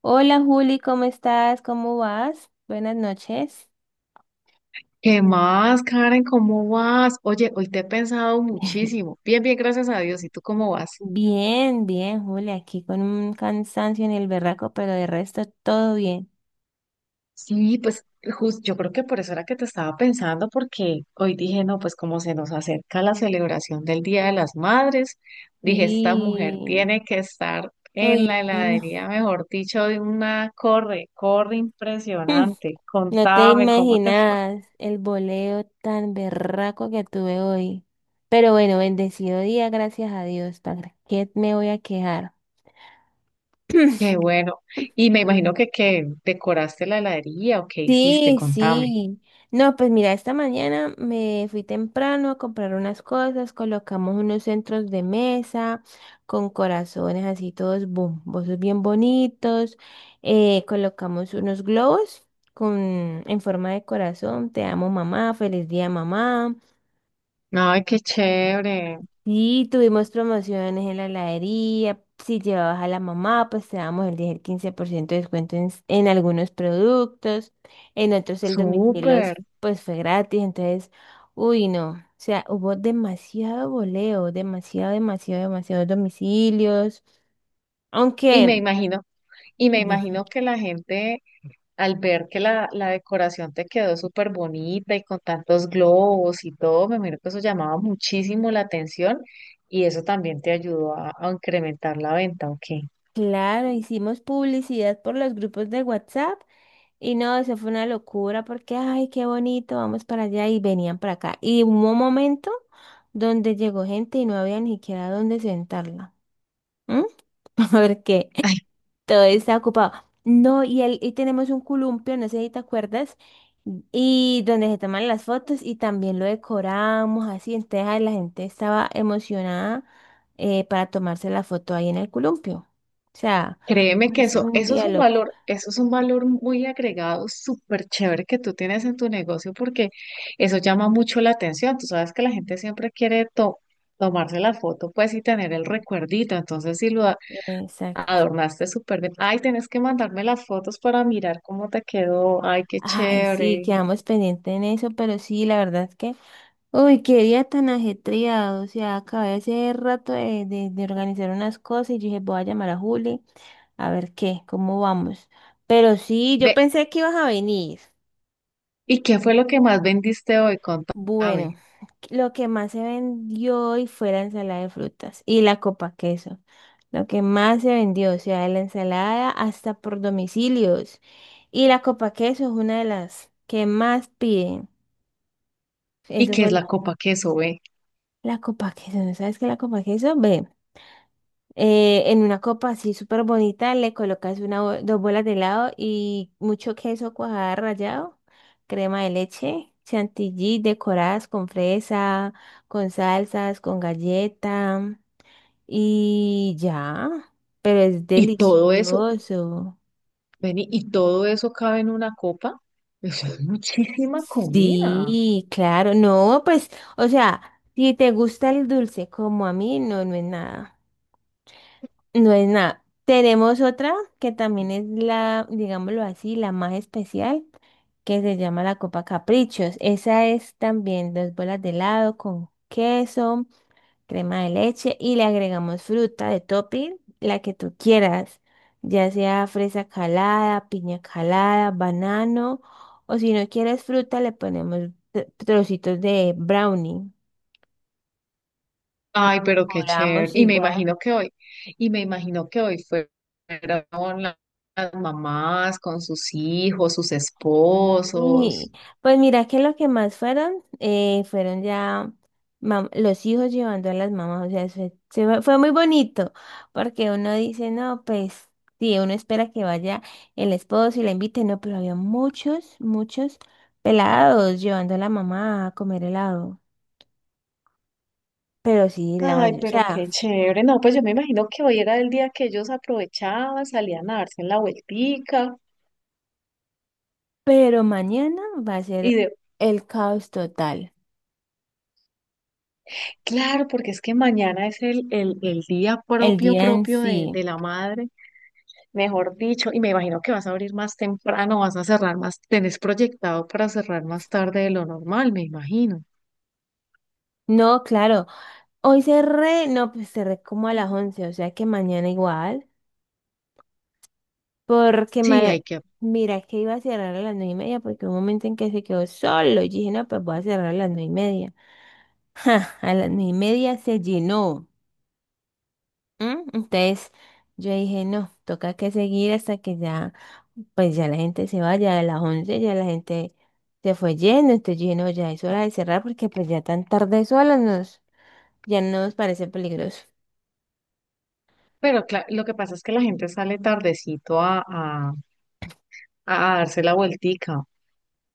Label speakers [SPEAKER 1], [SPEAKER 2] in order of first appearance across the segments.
[SPEAKER 1] Hola Juli, ¿cómo estás? ¿Cómo vas? Buenas noches.
[SPEAKER 2] ¿Qué más, Karen? ¿Cómo vas? Oye, hoy te he pensado muchísimo. Bien, bien, gracias a Dios. ¿Y tú cómo vas?
[SPEAKER 1] Bien, bien, Juli, aquí con un cansancio en el berraco, pero de resto todo bien.
[SPEAKER 2] Sí, pues justo, yo creo que por eso era que te estaba pensando, porque hoy dije, no, pues como se nos acerca la celebración del Día de las Madres, dije, esta mujer
[SPEAKER 1] Sí.
[SPEAKER 2] tiene que estar
[SPEAKER 1] Uy,
[SPEAKER 2] en la
[SPEAKER 1] no,
[SPEAKER 2] heladería, mejor dicho, de una corre impresionante.
[SPEAKER 1] no te
[SPEAKER 2] Contame cómo te fue.
[SPEAKER 1] imaginas el boleo tan berraco que tuve hoy. Pero bueno, bendecido día, gracias a Dios, ¿para qué me voy a quejar?
[SPEAKER 2] Qué bueno. Y me imagino que decoraste la heladería o qué hiciste,
[SPEAKER 1] Sí,
[SPEAKER 2] contame.
[SPEAKER 1] sí. No, pues mira, esta mañana me fui temprano a comprar unas cosas, colocamos unos centros de mesa con corazones así todos bombosos bien bonitos, colocamos unos globos con, en forma de corazón, te amo mamá, feliz día mamá.
[SPEAKER 2] Ay, qué chévere,
[SPEAKER 1] Sí, tuvimos promociones en la heladería. Si llevabas a la mamá, pues te damos el 10 el 15% de descuento en, en algunos productos. En otros el domicilio,
[SPEAKER 2] súper.
[SPEAKER 1] pues fue gratis. Entonces, uy, no. O sea, hubo demasiado voleo, demasiado, demasiado, demasiados domicilios.
[SPEAKER 2] Y me
[SPEAKER 1] Aunque,
[SPEAKER 2] imagino, y me
[SPEAKER 1] di-
[SPEAKER 2] imagino que la gente al ver que la decoración te quedó súper bonita y con tantos globos y todo, me imagino que eso llamaba muchísimo la atención y eso también te ayudó a incrementar la venta, ¿o qué?
[SPEAKER 1] claro, hicimos publicidad por los grupos de WhatsApp. Y no, eso fue una locura porque, ay, qué bonito, vamos para allá y venían para acá. Y hubo un momento donde llegó gente y no había ni siquiera dónde sentarla. ¿M? Porque todo está ocupado. No, y, el, y tenemos un columpio, no sé si te acuerdas, y donde se toman las fotos y también lo decoramos así. Entonces ay, la gente estaba emocionada para tomarse la foto ahí en el columpio. O sea,
[SPEAKER 2] Créeme que
[SPEAKER 1] es
[SPEAKER 2] eso,
[SPEAKER 1] un
[SPEAKER 2] eso es
[SPEAKER 1] día
[SPEAKER 2] un
[SPEAKER 1] loco.
[SPEAKER 2] valor, eso es un valor muy agregado, súper chévere que tú tienes en tu negocio porque eso llama mucho la atención. Tú sabes que la gente siempre quiere tomarse la foto, pues, y tener el recuerdito. Entonces, si lo
[SPEAKER 1] Exacto.
[SPEAKER 2] adornaste súper bien, ay, tienes que mandarme las fotos para mirar cómo te quedó. Ay, qué
[SPEAKER 1] Ay, sí,
[SPEAKER 2] chévere.
[SPEAKER 1] quedamos pendientes en eso, pero sí, la verdad es que, uy, qué día tan ajetreado, o sea, acabé hace rato de, de organizar unas cosas y yo dije, voy a llamar a Juli a ver qué, cómo vamos. Pero sí, yo
[SPEAKER 2] Ve,
[SPEAKER 1] pensé que ibas a venir.
[SPEAKER 2] ¿y qué fue lo que más vendiste hoy?
[SPEAKER 1] Bueno,
[SPEAKER 2] Contame.
[SPEAKER 1] lo que más se vendió hoy fue la ensalada de frutas y la copa queso. Lo que más se vendió, o sea, la ensalada hasta por domicilios. Y la copa queso es una de las que más piden.
[SPEAKER 2] ¿Y
[SPEAKER 1] Eso
[SPEAKER 2] qué es
[SPEAKER 1] fue.
[SPEAKER 2] la copa queso, ve?
[SPEAKER 1] La copa queso, ¿no sabes qué es la copa queso? Ve, en una copa así súper bonita le colocas una, dos bolas de helado y mucho queso cuajada rallado, crema de leche, chantilly decoradas con fresa, con salsas, con galleta y ya. Pero es
[SPEAKER 2] Y todo eso.
[SPEAKER 1] delicioso.
[SPEAKER 2] Vení, y todo eso cabe en una copa. Eso es muchísima comida.
[SPEAKER 1] Sí, claro. No, pues, o sea, si te gusta el dulce como a mí, no, no es nada. No es nada. Tenemos otra que también es la, digámoslo así, la más especial, que se llama la Copa Caprichos. Esa es también dos bolas de helado con queso, crema de leche y le agregamos fruta de topping, la que tú quieras, ya sea fresa calada, piña calada, banano, o si no quieres fruta, le ponemos trocitos de brownie.
[SPEAKER 2] Ay, pero qué chévere.
[SPEAKER 1] Cobramos
[SPEAKER 2] Y me
[SPEAKER 1] igual.
[SPEAKER 2] imagino que hoy, y me imagino que hoy fueron la- las mamás con sus hijos, sus esposos.
[SPEAKER 1] Sí, pues mira que lo que más fueron, fueron ya los hijos llevando a las mamás, o sea, se fue, fue muy bonito, porque uno dice, no, pues sí, uno espera que vaya el esposo y la invite, no, pero había muchos, muchos pelados llevando a la mamá a comer helado, pero sí, la
[SPEAKER 2] Ay,
[SPEAKER 1] mayoría, o
[SPEAKER 2] pero qué
[SPEAKER 1] sea,
[SPEAKER 2] chévere. No, pues yo me imagino que hoy era el día que ellos aprovechaban, salían a darse en la vueltica.
[SPEAKER 1] pero mañana va a
[SPEAKER 2] Y
[SPEAKER 1] ser
[SPEAKER 2] de,
[SPEAKER 1] el caos total,
[SPEAKER 2] claro, porque es que mañana es el día
[SPEAKER 1] el
[SPEAKER 2] propio,
[SPEAKER 1] día en
[SPEAKER 2] propio de,
[SPEAKER 1] sí.
[SPEAKER 2] de la madre. Mejor dicho, y me imagino que vas a abrir más temprano, vas a cerrar más, tenés proyectado para cerrar más tarde de lo normal, me imagino.
[SPEAKER 1] No, claro. Hoy cerré, no, pues cerré como a las 11 o sea que mañana igual, porque
[SPEAKER 2] Sí, hay que,
[SPEAKER 1] mira que iba a cerrar a las 9 y media, porque hubo un momento en que se quedó solo, y dije, no, pues voy a cerrar a las 9 y media. Ja, a las 9 y media se llenó. ¿M? Entonces yo dije, no, toca que seguir hasta que ya, pues ya la gente se vaya, a las 11 ya la gente se fue lleno entonces yo dije, no, ya es hora de cerrar, porque pues ya tan tarde solos nos, ya nos parece peligroso.
[SPEAKER 2] pero lo que pasa es que la gente sale tardecito a darse la vueltica.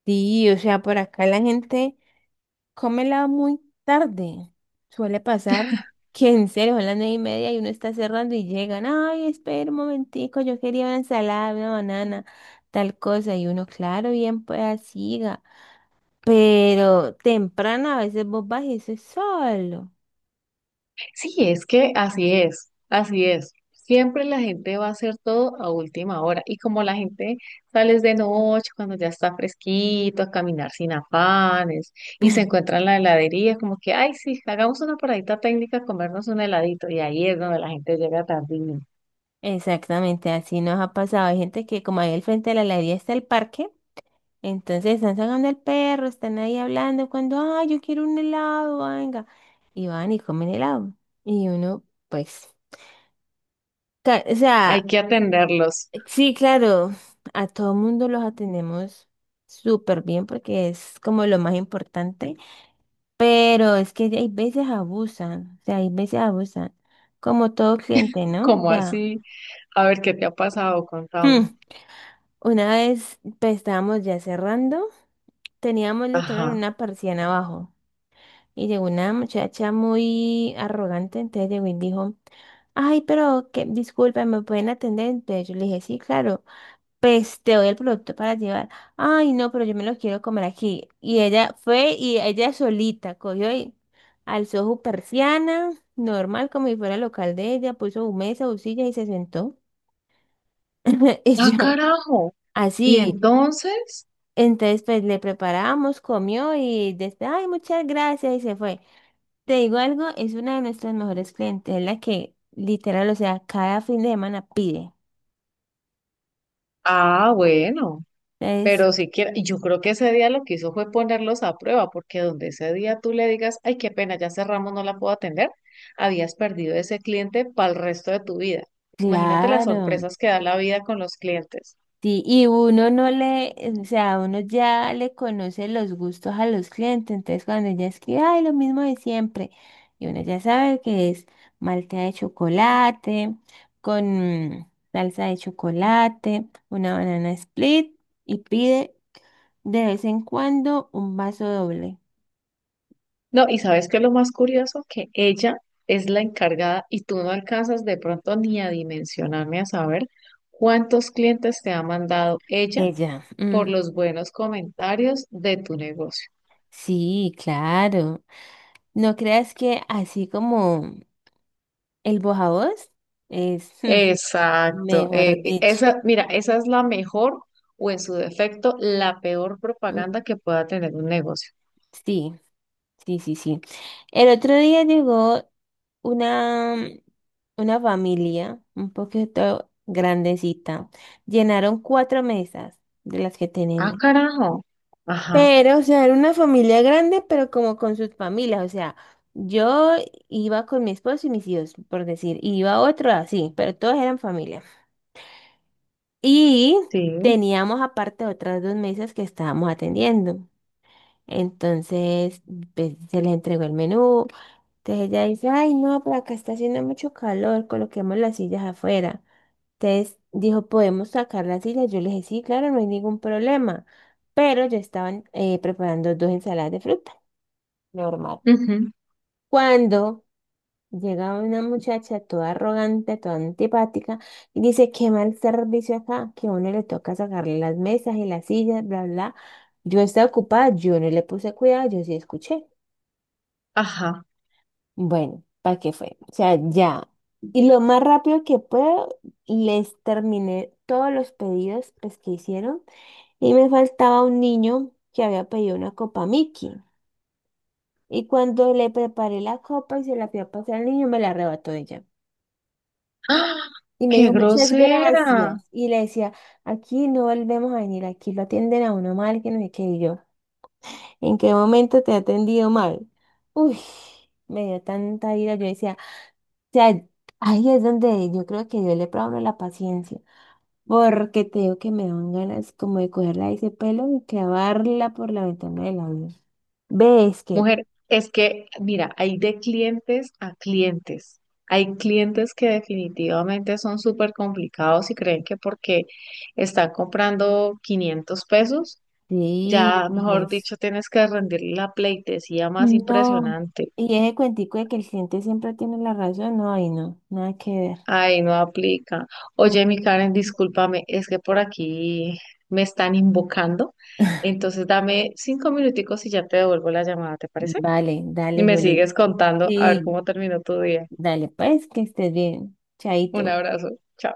[SPEAKER 1] Sí, o sea, por acá la gente cómela muy tarde. Suele pasar que en serio, son las nueve y media y uno está cerrando y llegan, ay, espera un momentico, yo quería una ensalada, una banana, tal cosa. Y uno, claro, bien, pues siga. Pero temprano a veces vos vas y eso es solo.
[SPEAKER 2] Sí, es que así es, así es. Siempre la gente va a hacer todo a última hora. Y como la gente sales de noche, cuando ya está fresquito, a caminar sin afanes, y se encuentra en la heladería, como que, ay, sí, hagamos una paradita técnica, comernos un heladito. Y ahí es donde la gente llega tardísimo.
[SPEAKER 1] Exactamente, así nos ha pasado. Hay gente que como ahí al frente de la heladería está el parque, entonces están sacando el perro, están ahí hablando cuando, ay, yo quiero un helado, venga. Y van y comen helado. Y uno, pues, o
[SPEAKER 2] Hay
[SPEAKER 1] sea,
[SPEAKER 2] que atenderlos.
[SPEAKER 1] sí, claro, a todo mundo los atendemos súper bien porque es como lo más importante, pero es que hay veces abusan, o sea, hay veces abusan, como todo cliente, ¿no? O
[SPEAKER 2] Como
[SPEAKER 1] sea,
[SPEAKER 2] así? A ver, ¿qué te ha pasado?
[SPEAKER 1] hmm,
[SPEAKER 2] Contame.
[SPEAKER 1] una vez pues, estábamos ya cerrando, teníamos literal
[SPEAKER 2] Ajá.
[SPEAKER 1] una persiana abajo y llegó una muchacha muy arrogante, entonces llegó y dijo, ay, pero que disculpen, ¿me pueden atender? Entonces yo le dije, sí, claro, pues te doy el producto para llevar. Ay, no, pero yo me lo quiero comer aquí. Y ella fue y ella solita cogió y alzó su persiana, normal como si fuera el local de ella, puso su mesa, su silla y se sentó. Y
[SPEAKER 2] ¡Ah,
[SPEAKER 1] yo,
[SPEAKER 2] carajo! Y
[SPEAKER 1] así.
[SPEAKER 2] entonces,
[SPEAKER 1] Entonces, pues le preparamos, comió y después, ay, muchas gracias y se fue. Te digo algo, es una de nuestras mejores clientes, es la que literal, o sea, cada fin de semana pide.
[SPEAKER 2] ah, bueno.
[SPEAKER 1] Entonces,
[SPEAKER 2] Pero siquiera, y yo creo que ese día lo que hizo fue ponerlos a prueba, porque donde ese día tú le digas, ay, qué pena, ya cerramos, no la puedo atender, habías perdido ese cliente para el resto de tu vida. Imagínate las
[SPEAKER 1] claro.
[SPEAKER 2] sorpresas que da la vida con los clientes.
[SPEAKER 1] Sí, y uno no le, o sea, uno ya le conoce los gustos a los clientes, entonces cuando ella escribe, ay, lo mismo de siempre, y uno ya sabe que es malteada de chocolate, con salsa de chocolate, una banana split, y pide de vez en cuando un vaso doble.
[SPEAKER 2] No, y sabes qué es lo más curioso, que ella es la encargada y tú no alcanzas de pronto ni a dimensionarme a saber cuántos clientes te ha mandado ella
[SPEAKER 1] Ella,
[SPEAKER 2] por
[SPEAKER 1] "Mm,
[SPEAKER 2] los buenos comentarios de tu negocio.
[SPEAKER 1] sí, claro. No creas que así como el bojavoz es". Mm,
[SPEAKER 2] Exacto.
[SPEAKER 1] mejor dicho.
[SPEAKER 2] Mira, esa es la mejor o en su defecto la peor propaganda que pueda tener un negocio.
[SPEAKER 1] Sí, sí, sí, sí. El otro día llegó una, una familia un poquito grandecita. Llenaron cuatro mesas de las que
[SPEAKER 2] Ah,
[SPEAKER 1] tenemos.
[SPEAKER 2] carajo. Ajá,
[SPEAKER 1] Pero, o sea, era una familia grande, pero como con sus familias. O sea, yo iba con mi esposo y mis hijos, por decir, y iba otro así, pero todos eran familia. Y
[SPEAKER 2] sí.
[SPEAKER 1] teníamos aparte otras dos mesas que estábamos atendiendo. Entonces, pues, se les entregó el menú. Entonces ella dice, ay, no, pero acá está haciendo mucho calor, coloquemos las sillas afuera. Entonces dijo, ¿podemos sacar las sillas? Yo le dije, sí, claro, no hay ningún problema. Pero ya estaban preparando dos ensaladas de fruta, normal.
[SPEAKER 2] Ujú.
[SPEAKER 1] Cuando llega una muchacha toda arrogante, toda antipática, y dice, qué mal servicio acá, que a uno le toca sacarle las mesas y las sillas, bla, bla. Yo estaba ocupada, yo no le puse cuidado, yo sí escuché.
[SPEAKER 2] Ajá.
[SPEAKER 1] Bueno, ¿para qué fue? O sea, ya. Y lo más rápido que puedo, les terminé todos los pedidos pues, que hicieron. Y me faltaba un niño que había pedido una copa Mickey. Y cuando le preparé la copa y se la fui a pasar al niño, me la arrebató ella.
[SPEAKER 2] ¡Ah!
[SPEAKER 1] Y me
[SPEAKER 2] ¡Qué
[SPEAKER 1] dijo, muchas
[SPEAKER 2] grosera!
[SPEAKER 1] gracias. Y le decía, aquí no volvemos a venir, aquí lo atienden a uno mal, que no sé qué. Y yo, ¿en qué momento te he atendido mal? Uy, me dio tanta ira. Yo decía, sea, ahí es donde yo creo que yo le pruebo a uno la paciencia, porque te digo que me dan ganas como de cogerla de ese pelo y clavarla por la ventana del avión. ¿Ves que?
[SPEAKER 2] Mujer, es que, mira, hay de clientes a clientes. Hay clientes que definitivamente son súper complicados y creen que porque están comprando 500 pesos
[SPEAKER 1] Sí,
[SPEAKER 2] ya,
[SPEAKER 1] y
[SPEAKER 2] mejor
[SPEAKER 1] es.
[SPEAKER 2] dicho, tienes que rendirle la pleitesía más
[SPEAKER 1] No.
[SPEAKER 2] impresionante.
[SPEAKER 1] Y ese cuentico de que el cliente siempre tiene la razón, no, ahí no, nada que ver.
[SPEAKER 2] Ay, no aplica. Oye,
[SPEAKER 1] Mm.
[SPEAKER 2] mi Karen, discúlpame, es que por aquí me están invocando. Entonces dame 5 minuticos y ya te devuelvo la llamada, ¿te parece?
[SPEAKER 1] Vale,
[SPEAKER 2] Y
[SPEAKER 1] dale,
[SPEAKER 2] me
[SPEAKER 1] Juli.
[SPEAKER 2] sigues contando a ver
[SPEAKER 1] Sí,
[SPEAKER 2] cómo terminó tu día.
[SPEAKER 1] dale, pues, que estés bien.
[SPEAKER 2] Un
[SPEAKER 1] Chaito.
[SPEAKER 2] abrazo. Chao.